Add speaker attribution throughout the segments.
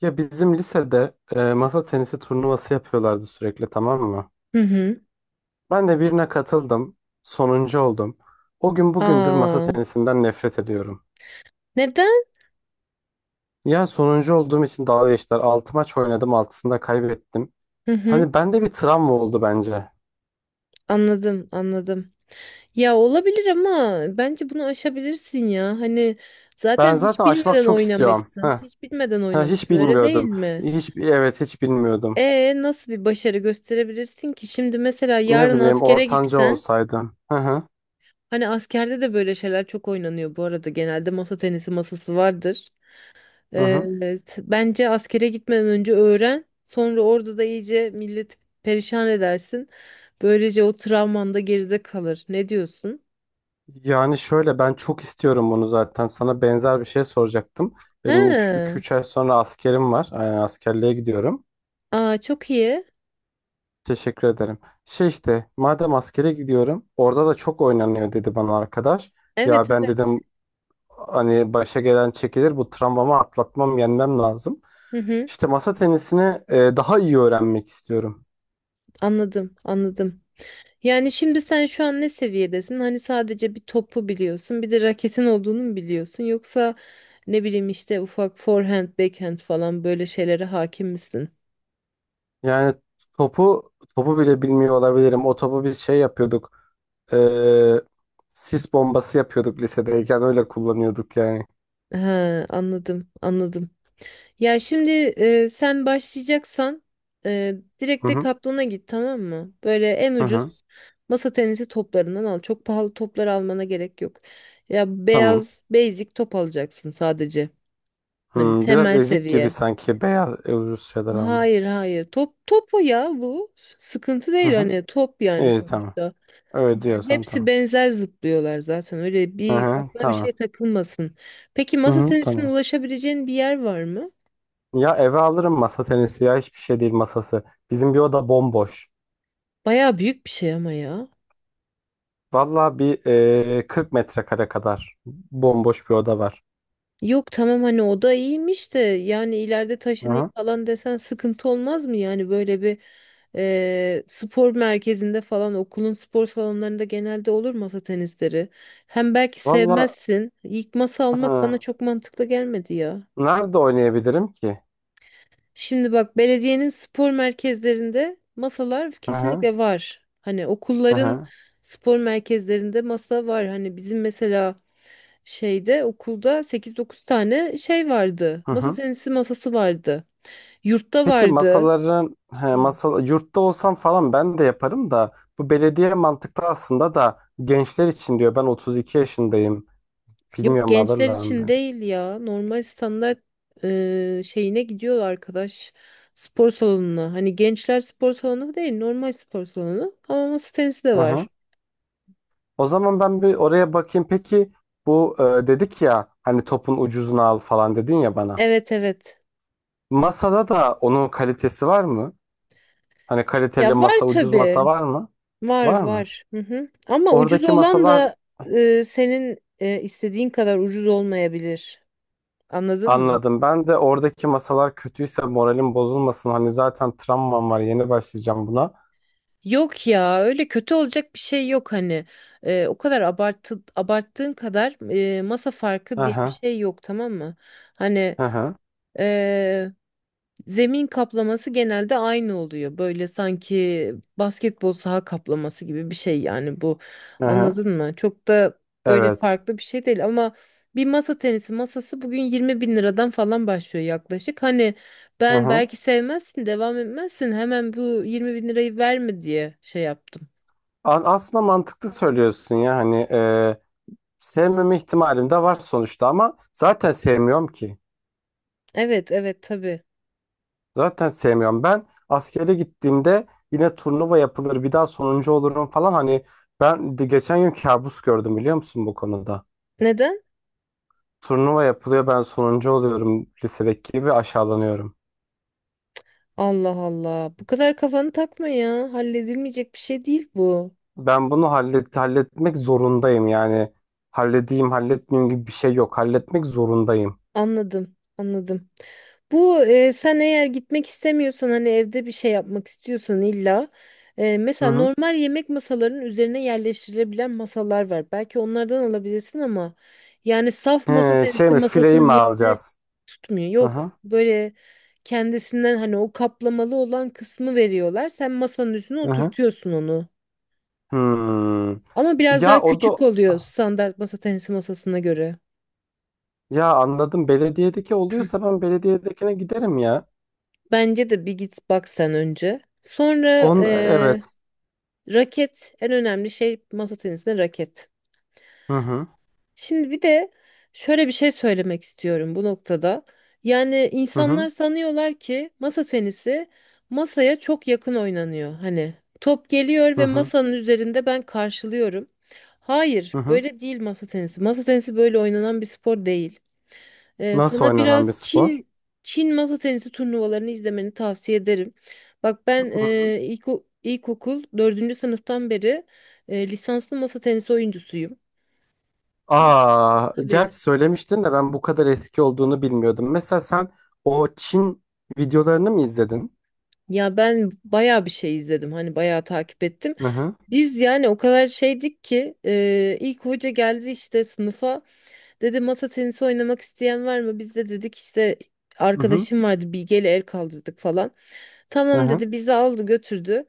Speaker 1: Ya bizim lisede masa tenisi turnuvası yapıyorlardı sürekli tamam mı?
Speaker 2: Hı hı.
Speaker 1: Ben de birine katıldım. Sonuncu oldum. O gün bugündür masa
Speaker 2: Aa,
Speaker 1: tenisinden nefret ediyorum.
Speaker 2: neden?
Speaker 1: Ya sonuncu olduğum için dalga geçtiler. 6 maç oynadım, 6'sında kaybettim.
Speaker 2: Hı hı.
Speaker 1: Hani bende bir travma oldu bence.
Speaker 2: Anladım, anladım. Ya olabilir ama bence bunu aşabilirsin ya. Hani
Speaker 1: Ben
Speaker 2: zaten
Speaker 1: zaten
Speaker 2: hiç
Speaker 1: aşmak
Speaker 2: bilmeden
Speaker 1: çok istiyorum.
Speaker 2: oynamışsın.
Speaker 1: Heh.
Speaker 2: Hiç bilmeden
Speaker 1: Ha, hiç
Speaker 2: oynamışsın, öyle değil
Speaker 1: bilmiyordum.
Speaker 2: mi?
Speaker 1: Hiç, evet hiç bilmiyordum.
Speaker 2: E nasıl bir başarı gösterebilirsin ki? Şimdi mesela
Speaker 1: Ne
Speaker 2: yarın
Speaker 1: bileyim
Speaker 2: askere
Speaker 1: ortanca
Speaker 2: gitsen,
Speaker 1: olsaydım. Hı hı.
Speaker 2: hani askerde de böyle şeyler çok oynanıyor bu arada. Genelde masa tenisi masası vardır.
Speaker 1: Hı hı.
Speaker 2: Evet, bence askere gitmeden önce öğren. Sonra orada da iyice milleti perişan edersin. Böylece o travman da geride kalır. Ne diyorsun?
Speaker 1: Yani şöyle ben çok istiyorum bunu zaten. Sana benzer bir şey soracaktım. Benim 2
Speaker 2: He.
Speaker 1: 3 ay sonra askerim var. Yani askerliğe gidiyorum.
Speaker 2: Aa, çok iyi.
Speaker 1: Teşekkür ederim. Şey işte madem askere gidiyorum orada da çok oynanıyor dedi bana arkadaş. Ya
Speaker 2: Evet,
Speaker 1: ben
Speaker 2: evet.
Speaker 1: dedim hani başa gelen çekilir bu travmamı atlatmam yenmem lazım.
Speaker 2: Hı hı,
Speaker 1: İşte masa tenisini daha iyi öğrenmek istiyorum.
Speaker 2: anladım, anladım. Yani şimdi sen şu an ne seviyedesin? Hani sadece bir topu biliyorsun, bir de raketin olduğunu mu biliyorsun? Yoksa ne bileyim işte ufak forehand, backhand falan böyle şeylere hakim misin?
Speaker 1: Yani topu topu bile bilmiyor olabilirim. O topu biz şey yapıyorduk. Ee, Sis bombası yapıyorduk lisedeyken öyle kullanıyorduk yani.
Speaker 2: Ha, anladım, anladım. Ya şimdi, sen başlayacaksan, e, direkt
Speaker 1: Hı hı.
Speaker 2: Decathlon'a git, tamam mı? Böyle en
Speaker 1: Hı hı.
Speaker 2: ucuz masa tenisi toplarından al. Çok pahalı toplar almana gerek yok. Ya
Speaker 1: Tamam.
Speaker 2: beyaz basic top alacaksın sadece. Hani
Speaker 1: Hmm, biraz
Speaker 2: temel
Speaker 1: ezik gibi
Speaker 2: seviye.
Speaker 1: sanki beyaz ucuz şeyler alma.
Speaker 2: Hayır hayır, top topu ya bu. Sıkıntı
Speaker 1: Hı
Speaker 2: değil
Speaker 1: hı.
Speaker 2: hani, top yani
Speaker 1: İyi tamam.
Speaker 2: sonuçta.
Speaker 1: Öyle
Speaker 2: Yani
Speaker 1: diyorsan
Speaker 2: hepsi
Speaker 1: tamam.
Speaker 2: benzer zıplıyorlar zaten. Öyle
Speaker 1: Hı
Speaker 2: bir
Speaker 1: hı.
Speaker 2: aklına bir
Speaker 1: Tamam.
Speaker 2: şey takılmasın. Peki
Speaker 1: Hı
Speaker 2: masa
Speaker 1: hı.
Speaker 2: tenisine
Speaker 1: Tamam.
Speaker 2: ulaşabileceğin bir yer var mı?
Speaker 1: Ya eve alırım masa tenisi ya hiçbir şey değil masası. Bizim bir oda bomboş.
Speaker 2: Baya büyük bir şey ama ya.
Speaker 1: Valla bir 40 metrekare kadar bomboş bir oda var.
Speaker 2: Yok tamam, hani o da iyiymiş de yani ileride
Speaker 1: Hı
Speaker 2: taşınayım
Speaker 1: hı.
Speaker 2: falan desen sıkıntı olmaz mı? Yani böyle bir spor merkezinde falan, okulun spor salonlarında genelde olur masa tenisleri. Hem belki
Speaker 1: Valla
Speaker 2: sevmezsin. İlk masa almak bana
Speaker 1: hı.
Speaker 2: çok mantıklı gelmedi ya.
Speaker 1: Nerede oynayabilirim ki?
Speaker 2: Şimdi bak, belediyenin spor merkezlerinde masalar
Speaker 1: Hı hı.
Speaker 2: kesinlikle var. Hani
Speaker 1: Hı
Speaker 2: okulların
Speaker 1: hı.
Speaker 2: spor merkezlerinde masa var. Hani bizim mesela şeyde okulda sekiz dokuz tane şey vardı.
Speaker 1: Hı
Speaker 2: Masa
Speaker 1: hı.
Speaker 2: tenisi masası vardı. Yurtta
Speaker 1: Peki
Speaker 2: vardı.
Speaker 1: masaların he,
Speaker 2: Hı.
Speaker 1: masa, yurtta olsam falan ben de yaparım da bu belediye mantıklı aslında da gençler için diyor ben 32 yaşındayım
Speaker 2: Yok,
Speaker 1: bilmiyorum
Speaker 2: gençler
Speaker 1: alırlar mı
Speaker 2: için
Speaker 1: beni.
Speaker 2: değil ya. Normal standart şeyine gidiyor arkadaş. Spor salonuna. Hani gençler spor salonu değil, normal spor salonu. Ama masa tenisi de
Speaker 1: Hı hı.
Speaker 2: var.
Speaker 1: O zaman ben bir oraya bakayım peki bu dedik ya hani topun ucuzunu al falan dedin ya bana.
Speaker 2: Evet evet.
Speaker 1: Masada da onun kalitesi var mı? Hani kaliteli
Speaker 2: Ya var
Speaker 1: masa ucuz
Speaker 2: tabii.
Speaker 1: masa var mı?
Speaker 2: Var
Speaker 1: Var mı?
Speaker 2: var. Hı hı. Ama ucuz
Speaker 1: Oradaki
Speaker 2: olan
Speaker 1: masalar
Speaker 2: da, senin istediğin kadar ucuz olmayabilir. Anladın mı?
Speaker 1: anladım. Ben de oradaki masalar kötüyse moralim bozulmasın. Hani zaten travmam var yeni başlayacağım buna.
Speaker 2: Yok ya, öyle kötü olacak bir şey yok hani. O kadar abarttığın kadar, masa farkı diye bir
Speaker 1: Aha,
Speaker 2: şey yok, tamam mı? Hani,
Speaker 1: aha,
Speaker 2: e, zemin kaplaması genelde aynı oluyor, böyle sanki basketbol saha kaplaması gibi bir şey yani bu,
Speaker 1: aha.
Speaker 2: anladın mı? Çok da öyle
Speaker 1: Evet.
Speaker 2: farklı bir şey değil, ama bir masa tenisi masası bugün 20 bin liradan falan başlıyor yaklaşık, hani ben
Speaker 1: Aha.
Speaker 2: belki sevmezsin devam etmezsin hemen bu 20 bin lirayı verme diye şey yaptım.
Speaker 1: Aslında mantıklı söylüyorsun ya hani sevmeme ihtimalim de var sonuçta ama zaten sevmiyorum ki.
Speaker 2: Evet evet tabii.
Speaker 1: Zaten sevmiyorum. Ben askere gittiğimde yine turnuva yapılır bir daha sonuncu olurum falan hani ben de geçen gün kabus gördüm biliyor musun bu konuda.
Speaker 2: Neden?
Speaker 1: Turnuva yapılıyor ben sonuncu oluyorum lisedeki gibi aşağılanıyorum.
Speaker 2: Allah Allah. Bu kadar kafanı takma ya. Halledilmeyecek bir şey değil bu.
Speaker 1: Ben bunu halletmek zorundayım yani. Halledeyim halletmeyeyim gibi bir şey yok. Halletmek zorundayım.
Speaker 2: Anladım, anladım. Bu, sen eğer gitmek istemiyorsan, hani evde bir şey yapmak istiyorsan illa,
Speaker 1: Hı
Speaker 2: mesela
Speaker 1: hı.
Speaker 2: normal yemek masalarının üzerine yerleştirilebilen masalar var. Belki onlardan alabilirsin ama yani saf masa
Speaker 1: He, şey
Speaker 2: tenisi
Speaker 1: mi fileyi
Speaker 2: masasının
Speaker 1: mi
Speaker 2: yerini
Speaker 1: alacağız?
Speaker 2: tutmuyor.
Speaker 1: Hı hı.
Speaker 2: Yok. Böyle kendisinden, hani o kaplamalı olan kısmı veriyorlar. Sen masanın üstüne
Speaker 1: Hı hı.
Speaker 2: oturtuyorsun onu.
Speaker 1: Hmm.
Speaker 2: Ama biraz
Speaker 1: Ya
Speaker 2: daha
Speaker 1: o da
Speaker 2: küçük oluyor standart masa tenisi masasına göre.
Speaker 1: ya anladım belediyedeki oluyorsa ben belediyedekine giderim ya.
Speaker 2: Bence de bir git bak sen önce. Sonra
Speaker 1: On evet.
Speaker 2: raket en önemli şey masa tenisinde, raket.
Speaker 1: Hı hı.
Speaker 2: Şimdi bir de şöyle bir şey söylemek istiyorum bu noktada. Yani
Speaker 1: Hı
Speaker 2: insanlar
Speaker 1: hı.
Speaker 2: sanıyorlar ki masa tenisi masaya çok yakın oynanıyor. Hani top geliyor
Speaker 1: Hı
Speaker 2: ve
Speaker 1: hı.
Speaker 2: masanın üzerinde ben karşılıyorum. Hayır,
Speaker 1: Hı hı.
Speaker 2: böyle değil masa tenisi. Masa tenisi böyle oynanan bir spor değil.
Speaker 1: Nasıl
Speaker 2: Sana
Speaker 1: oynanan bir
Speaker 2: biraz
Speaker 1: spor?
Speaker 2: Çin masa tenisi turnuvalarını izlemeni tavsiye ederim. Bak ben,
Speaker 1: Hı hı.
Speaker 2: ilkokul dördüncü sınıftan beri lisanslı masa tenisi oyuncusuyum.
Speaker 1: Aa,
Speaker 2: Tabii.
Speaker 1: gerçi söylemiştin de ben bu kadar eski olduğunu bilmiyordum. Mesela sen o Çin videolarını mı izledin?
Speaker 2: Ya ben bayağı bir şey izledim. Hani bayağı takip ettim.
Speaker 1: Hı hı.
Speaker 2: Biz yani o kadar şeydik ki, ilk hoca geldi işte sınıfa. Dedi masa tenisi oynamak isteyen var mı? Biz de dedik işte
Speaker 1: Hı hı.
Speaker 2: arkadaşım vardı Bilge ile el kaldırdık falan.
Speaker 1: Hı
Speaker 2: Tamam
Speaker 1: hı.
Speaker 2: dedi, bizi aldı götürdü.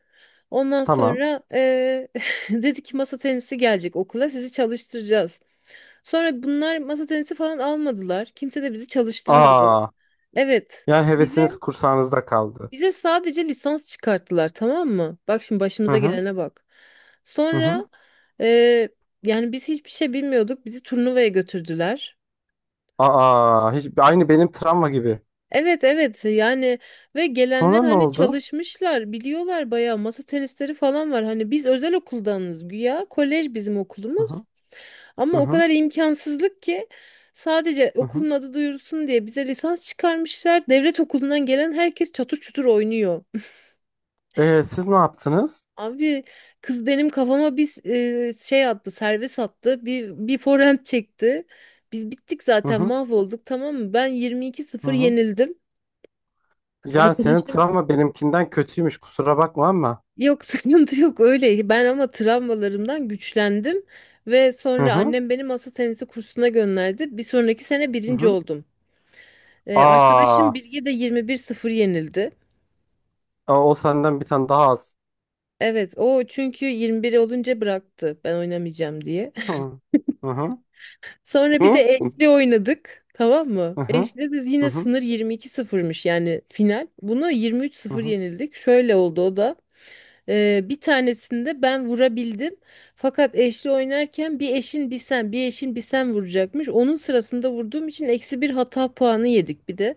Speaker 2: Ondan
Speaker 1: Tamam.
Speaker 2: sonra dedi ki masa tenisi gelecek okula sizi çalıştıracağız. Sonra bunlar masa tenisi falan almadılar. Kimse de bizi çalıştırmadı.
Speaker 1: Aa,
Speaker 2: Evet,
Speaker 1: yani
Speaker 2: bize
Speaker 1: hevesiniz kursağınızda kaldı.
Speaker 2: bize sadece lisans çıkarttılar, tamam mı? Bak şimdi
Speaker 1: Hı
Speaker 2: başımıza
Speaker 1: hı.
Speaker 2: gelene bak.
Speaker 1: Hı hı.
Speaker 2: Sonra eee, yani biz hiçbir şey bilmiyorduk, bizi turnuvaya götürdüler.
Speaker 1: Aa, hiç aynı benim travma gibi.
Speaker 2: Evet evet yani, ve gelenler
Speaker 1: Sonra ne
Speaker 2: hani
Speaker 1: oldu?
Speaker 2: çalışmışlar biliyorlar, bayağı masa tenisleri falan var hani, biz özel okuldanız güya, kolej bizim
Speaker 1: Hı
Speaker 2: okulumuz,
Speaker 1: hı
Speaker 2: ama
Speaker 1: hı
Speaker 2: o
Speaker 1: hı.
Speaker 2: kadar imkansızlık ki sadece
Speaker 1: Hı hı.
Speaker 2: okulun adı duyursun diye bize lisans çıkarmışlar, devlet okulundan gelen herkes çatır çutur oynuyor.
Speaker 1: Siz ne yaptınız?
Speaker 2: Abi, kız benim kafama bir şey attı, servis attı, bir forehand çekti, biz bittik
Speaker 1: Hı
Speaker 2: zaten,
Speaker 1: hı
Speaker 2: mahvolduk, tamam mı, ben
Speaker 1: hı
Speaker 2: 22-0
Speaker 1: hı.
Speaker 2: yenildim.
Speaker 1: Yani senin
Speaker 2: Arkadaşım
Speaker 1: travma benimkinden kötüymüş kusura bakma ama.
Speaker 2: Yok, sıkıntı yok öyle. Ben ama travmalarımdan güçlendim ve
Speaker 1: Hı
Speaker 2: sonra
Speaker 1: hı
Speaker 2: annem beni masa tenisi kursuna gönderdi. Bir sonraki sene
Speaker 1: hı
Speaker 2: birinci
Speaker 1: hı.
Speaker 2: oldum.
Speaker 1: Aa,
Speaker 2: Arkadaşım Bilge de 21-0 yenildi.
Speaker 1: aa, o senden bir tane daha az.
Speaker 2: Evet o çünkü 21 olunca bıraktı, ben oynamayacağım diye.
Speaker 1: Hı hı hı
Speaker 2: Sonra bir
Speaker 1: hı
Speaker 2: de eşli oynadık, tamam mı?
Speaker 1: hı hı
Speaker 2: Eşli de yine sınır 22-0'mış yani, final. Buna
Speaker 1: hı
Speaker 2: 23-0
Speaker 1: hı.
Speaker 2: yenildik. Şöyle oldu o da. Bir tanesinde ben vurabildim. Fakat eşli oynarken bir eşin bir sen, bir eşin bir sen vuracakmış. Onun sırasında vurduğum için eksi bir hata puanı yedik bir de.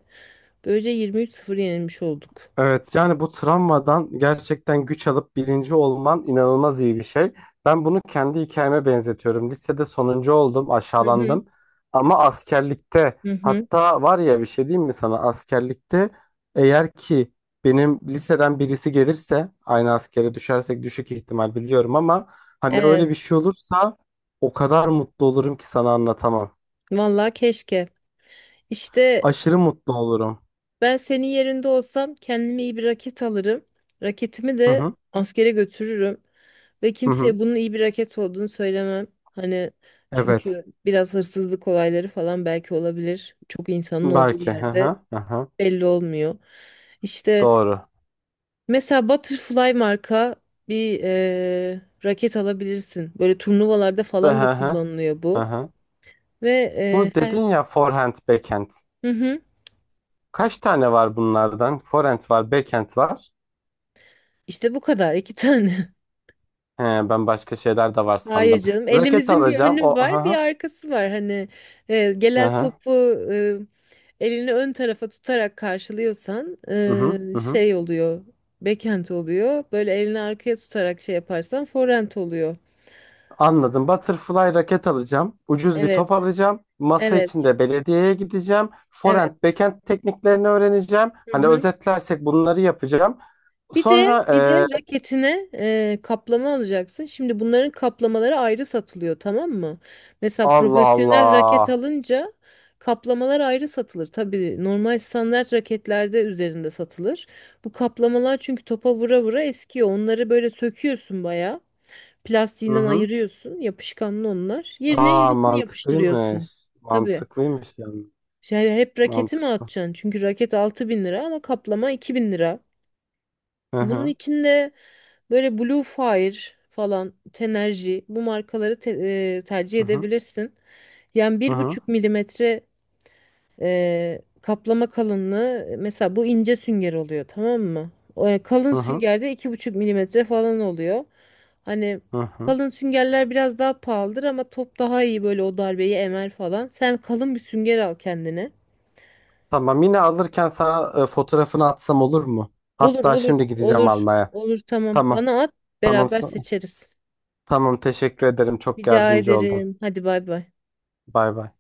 Speaker 2: Böylece 23 sıfır yenilmiş olduk.
Speaker 1: Evet yani bu travmadan gerçekten güç alıp birinci olman inanılmaz iyi bir şey. Ben bunu kendi hikayeme benzetiyorum. Lisede sonuncu oldum,
Speaker 2: Hı hı.
Speaker 1: aşağılandım. Ama askerlikte
Speaker 2: Hı hı.
Speaker 1: hatta var ya bir şey diyeyim mi sana? Askerlikte eğer ki benim liseden birisi gelirse aynı askere düşersek düşük ihtimal biliyorum ama hani öyle bir
Speaker 2: Evet.
Speaker 1: şey olursa o kadar mutlu olurum ki sana anlatamam.
Speaker 2: Vallahi keşke. İşte
Speaker 1: Aşırı mutlu olurum.
Speaker 2: ben senin yerinde olsam kendime iyi bir raket alırım. Raketimi
Speaker 1: Hı
Speaker 2: de
Speaker 1: hı.
Speaker 2: askere götürürüm. Ve
Speaker 1: Hı hı.
Speaker 2: kimseye bunun iyi bir raket olduğunu söylemem. Hani
Speaker 1: Evet.
Speaker 2: çünkü biraz hırsızlık olayları falan belki olabilir. Çok insanın olduğu
Speaker 1: Belki. Hı
Speaker 2: yerde
Speaker 1: hı. Hı hı.
Speaker 2: belli olmuyor. İşte
Speaker 1: Doğru.
Speaker 2: mesela Butterfly marka bir raket alabilirsin. Böyle turnuvalarda
Speaker 1: Hı
Speaker 2: falan da
Speaker 1: hı
Speaker 2: kullanılıyor
Speaker 1: hı
Speaker 2: bu.
Speaker 1: hı.
Speaker 2: Ve
Speaker 1: Bu
Speaker 2: eee,
Speaker 1: dedin
Speaker 2: her...
Speaker 1: ya forehand, backhand.
Speaker 2: Hı hı.
Speaker 1: Kaç tane var bunlardan? Forehand var, backhand var.
Speaker 2: İşte bu kadar, iki tane.
Speaker 1: He, ben başka şeyler de var
Speaker 2: Hayır
Speaker 1: sandım.
Speaker 2: canım.
Speaker 1: Raket
Speaker 2: Elimizin bir
Speaker 1: alacağım.
Speaker 2: önü
Speaker 1: O
Speaker 2: var,
Speaker 1: hı
Speaker 2: bir
Speaker 1: hı
Speaker 2: arkası var. Hani,
Speaker 1: hı
Speaker 2: gelen
Speaker 1: hı.
Speaker 2: topu, e, elini ön tarafa tutarak karşılıyorsan,
Speaker 1: Hı hı, hı hı.
Speaker 2: şey oluyor. Backhand oluyor. Böyle elini arkaya tutarak şey yaparsan forehand oluyor.
Speaker 1: Anladım. Butterfly raket alacağım. Ucuz bir top
Speaker 2: Evet.
Speaker 1: alacağım. Masa
Speaker 2: Evet.
Speaker 1: içinde belediyeye gideceğim. Forehand,
Speaker 2: Evet.
Speaker 1: backhand tekniklerini öğreneceğim.
Speaker 2: Hı
Speaker 1: Hani
Speaker 2: hı.
Speaker 1: özetlersek bunları yapacağım.
Speaker 2: Bir de
Speaker 1: Sonra
Speaker 2: bir de raketine, kaplama alacaksın. Şimdi bunların kaplamaları ayrı satılıyor, tamam mı? Mesela
Speaker 1: Allah
Speaker 2: profesyonel raket
Speaker 1: Allah.
Speaker 2: alınca kaplamalar ayrı satılır. Tabii normal standart raketlerde üzerinde satılır. Bu kaplamalar çünkü topa vura vura eskiyor. Onları böyle söküyorsun bayağı.
Speaker 1: Hı
Speaker 2: Plastiğinden
Speaker 1: hı.
Speaker 2: ayırıyorsun. Yapışkanlı onlar. Yerine
Speaker 1: Aa
Speaker 2: yenisini
Speaker 1: mantıklıymış.
Speaker 2: yapıştırıyorsun. Tabii.
Speaker 1: Mantıklıymış yani.
Speaker 2: Şey, hep raketi mi
Speaker 1: Mantıklı.
Speaker 2: atacaksın? Çünkü raket 6.000 lira ama kaplama 2.000 lira.
Speaker 1: Hı
Speaker 2: Bunun
Speaker 1: hı.
Speaker 2: içinde böyle Blue Fire falan, Tenergy, bu markaları tercih
Speaker 1: Hı hı.
Speaker 2: edebilirsin. Yani
Speaker 1: Hı
Speaker 2: bir
Speaker 1: hı.
Speaker 2: buçuk milimetre kaplama kalınlığı, mesela bu ince sünger oluyor, tamam mı? O, kalın
Speaker 1: Hı hı.
Speaker 2: süngerde 2,5 mm falan oluyor. Hani
Speaker 1: Hı hı.
Speaker 2: kalın süngerler biraz daha pahalıdır ama top daha iyi böyle o darbeyi emer falan. Sen kalın bir sünger al kendine.
Speaker 1: Tamam yine alırken sana fotoğrafını atsam olur mu?
Speaker 2: Olur
Speaker 1: Hatta
Speaker 2: olur
Speaker 1: şimdi gideceğim
Speaker 2: olur
Speaker 1: almaya.
Speaker 2: olur, tamam
Speaker 1: Tamam.
Speaker 2: bana at,
Speaker 1: Tamam.
Speaker 2: beraber seçeriz.
Speaker 1: Tamam teşekkür ederim. Çok
Speaker 2: Rica
Speaker 1: yardımcı oldun.
Speaker 2: ederim. Hadi bay bay.
Speaker 1: Bay bay.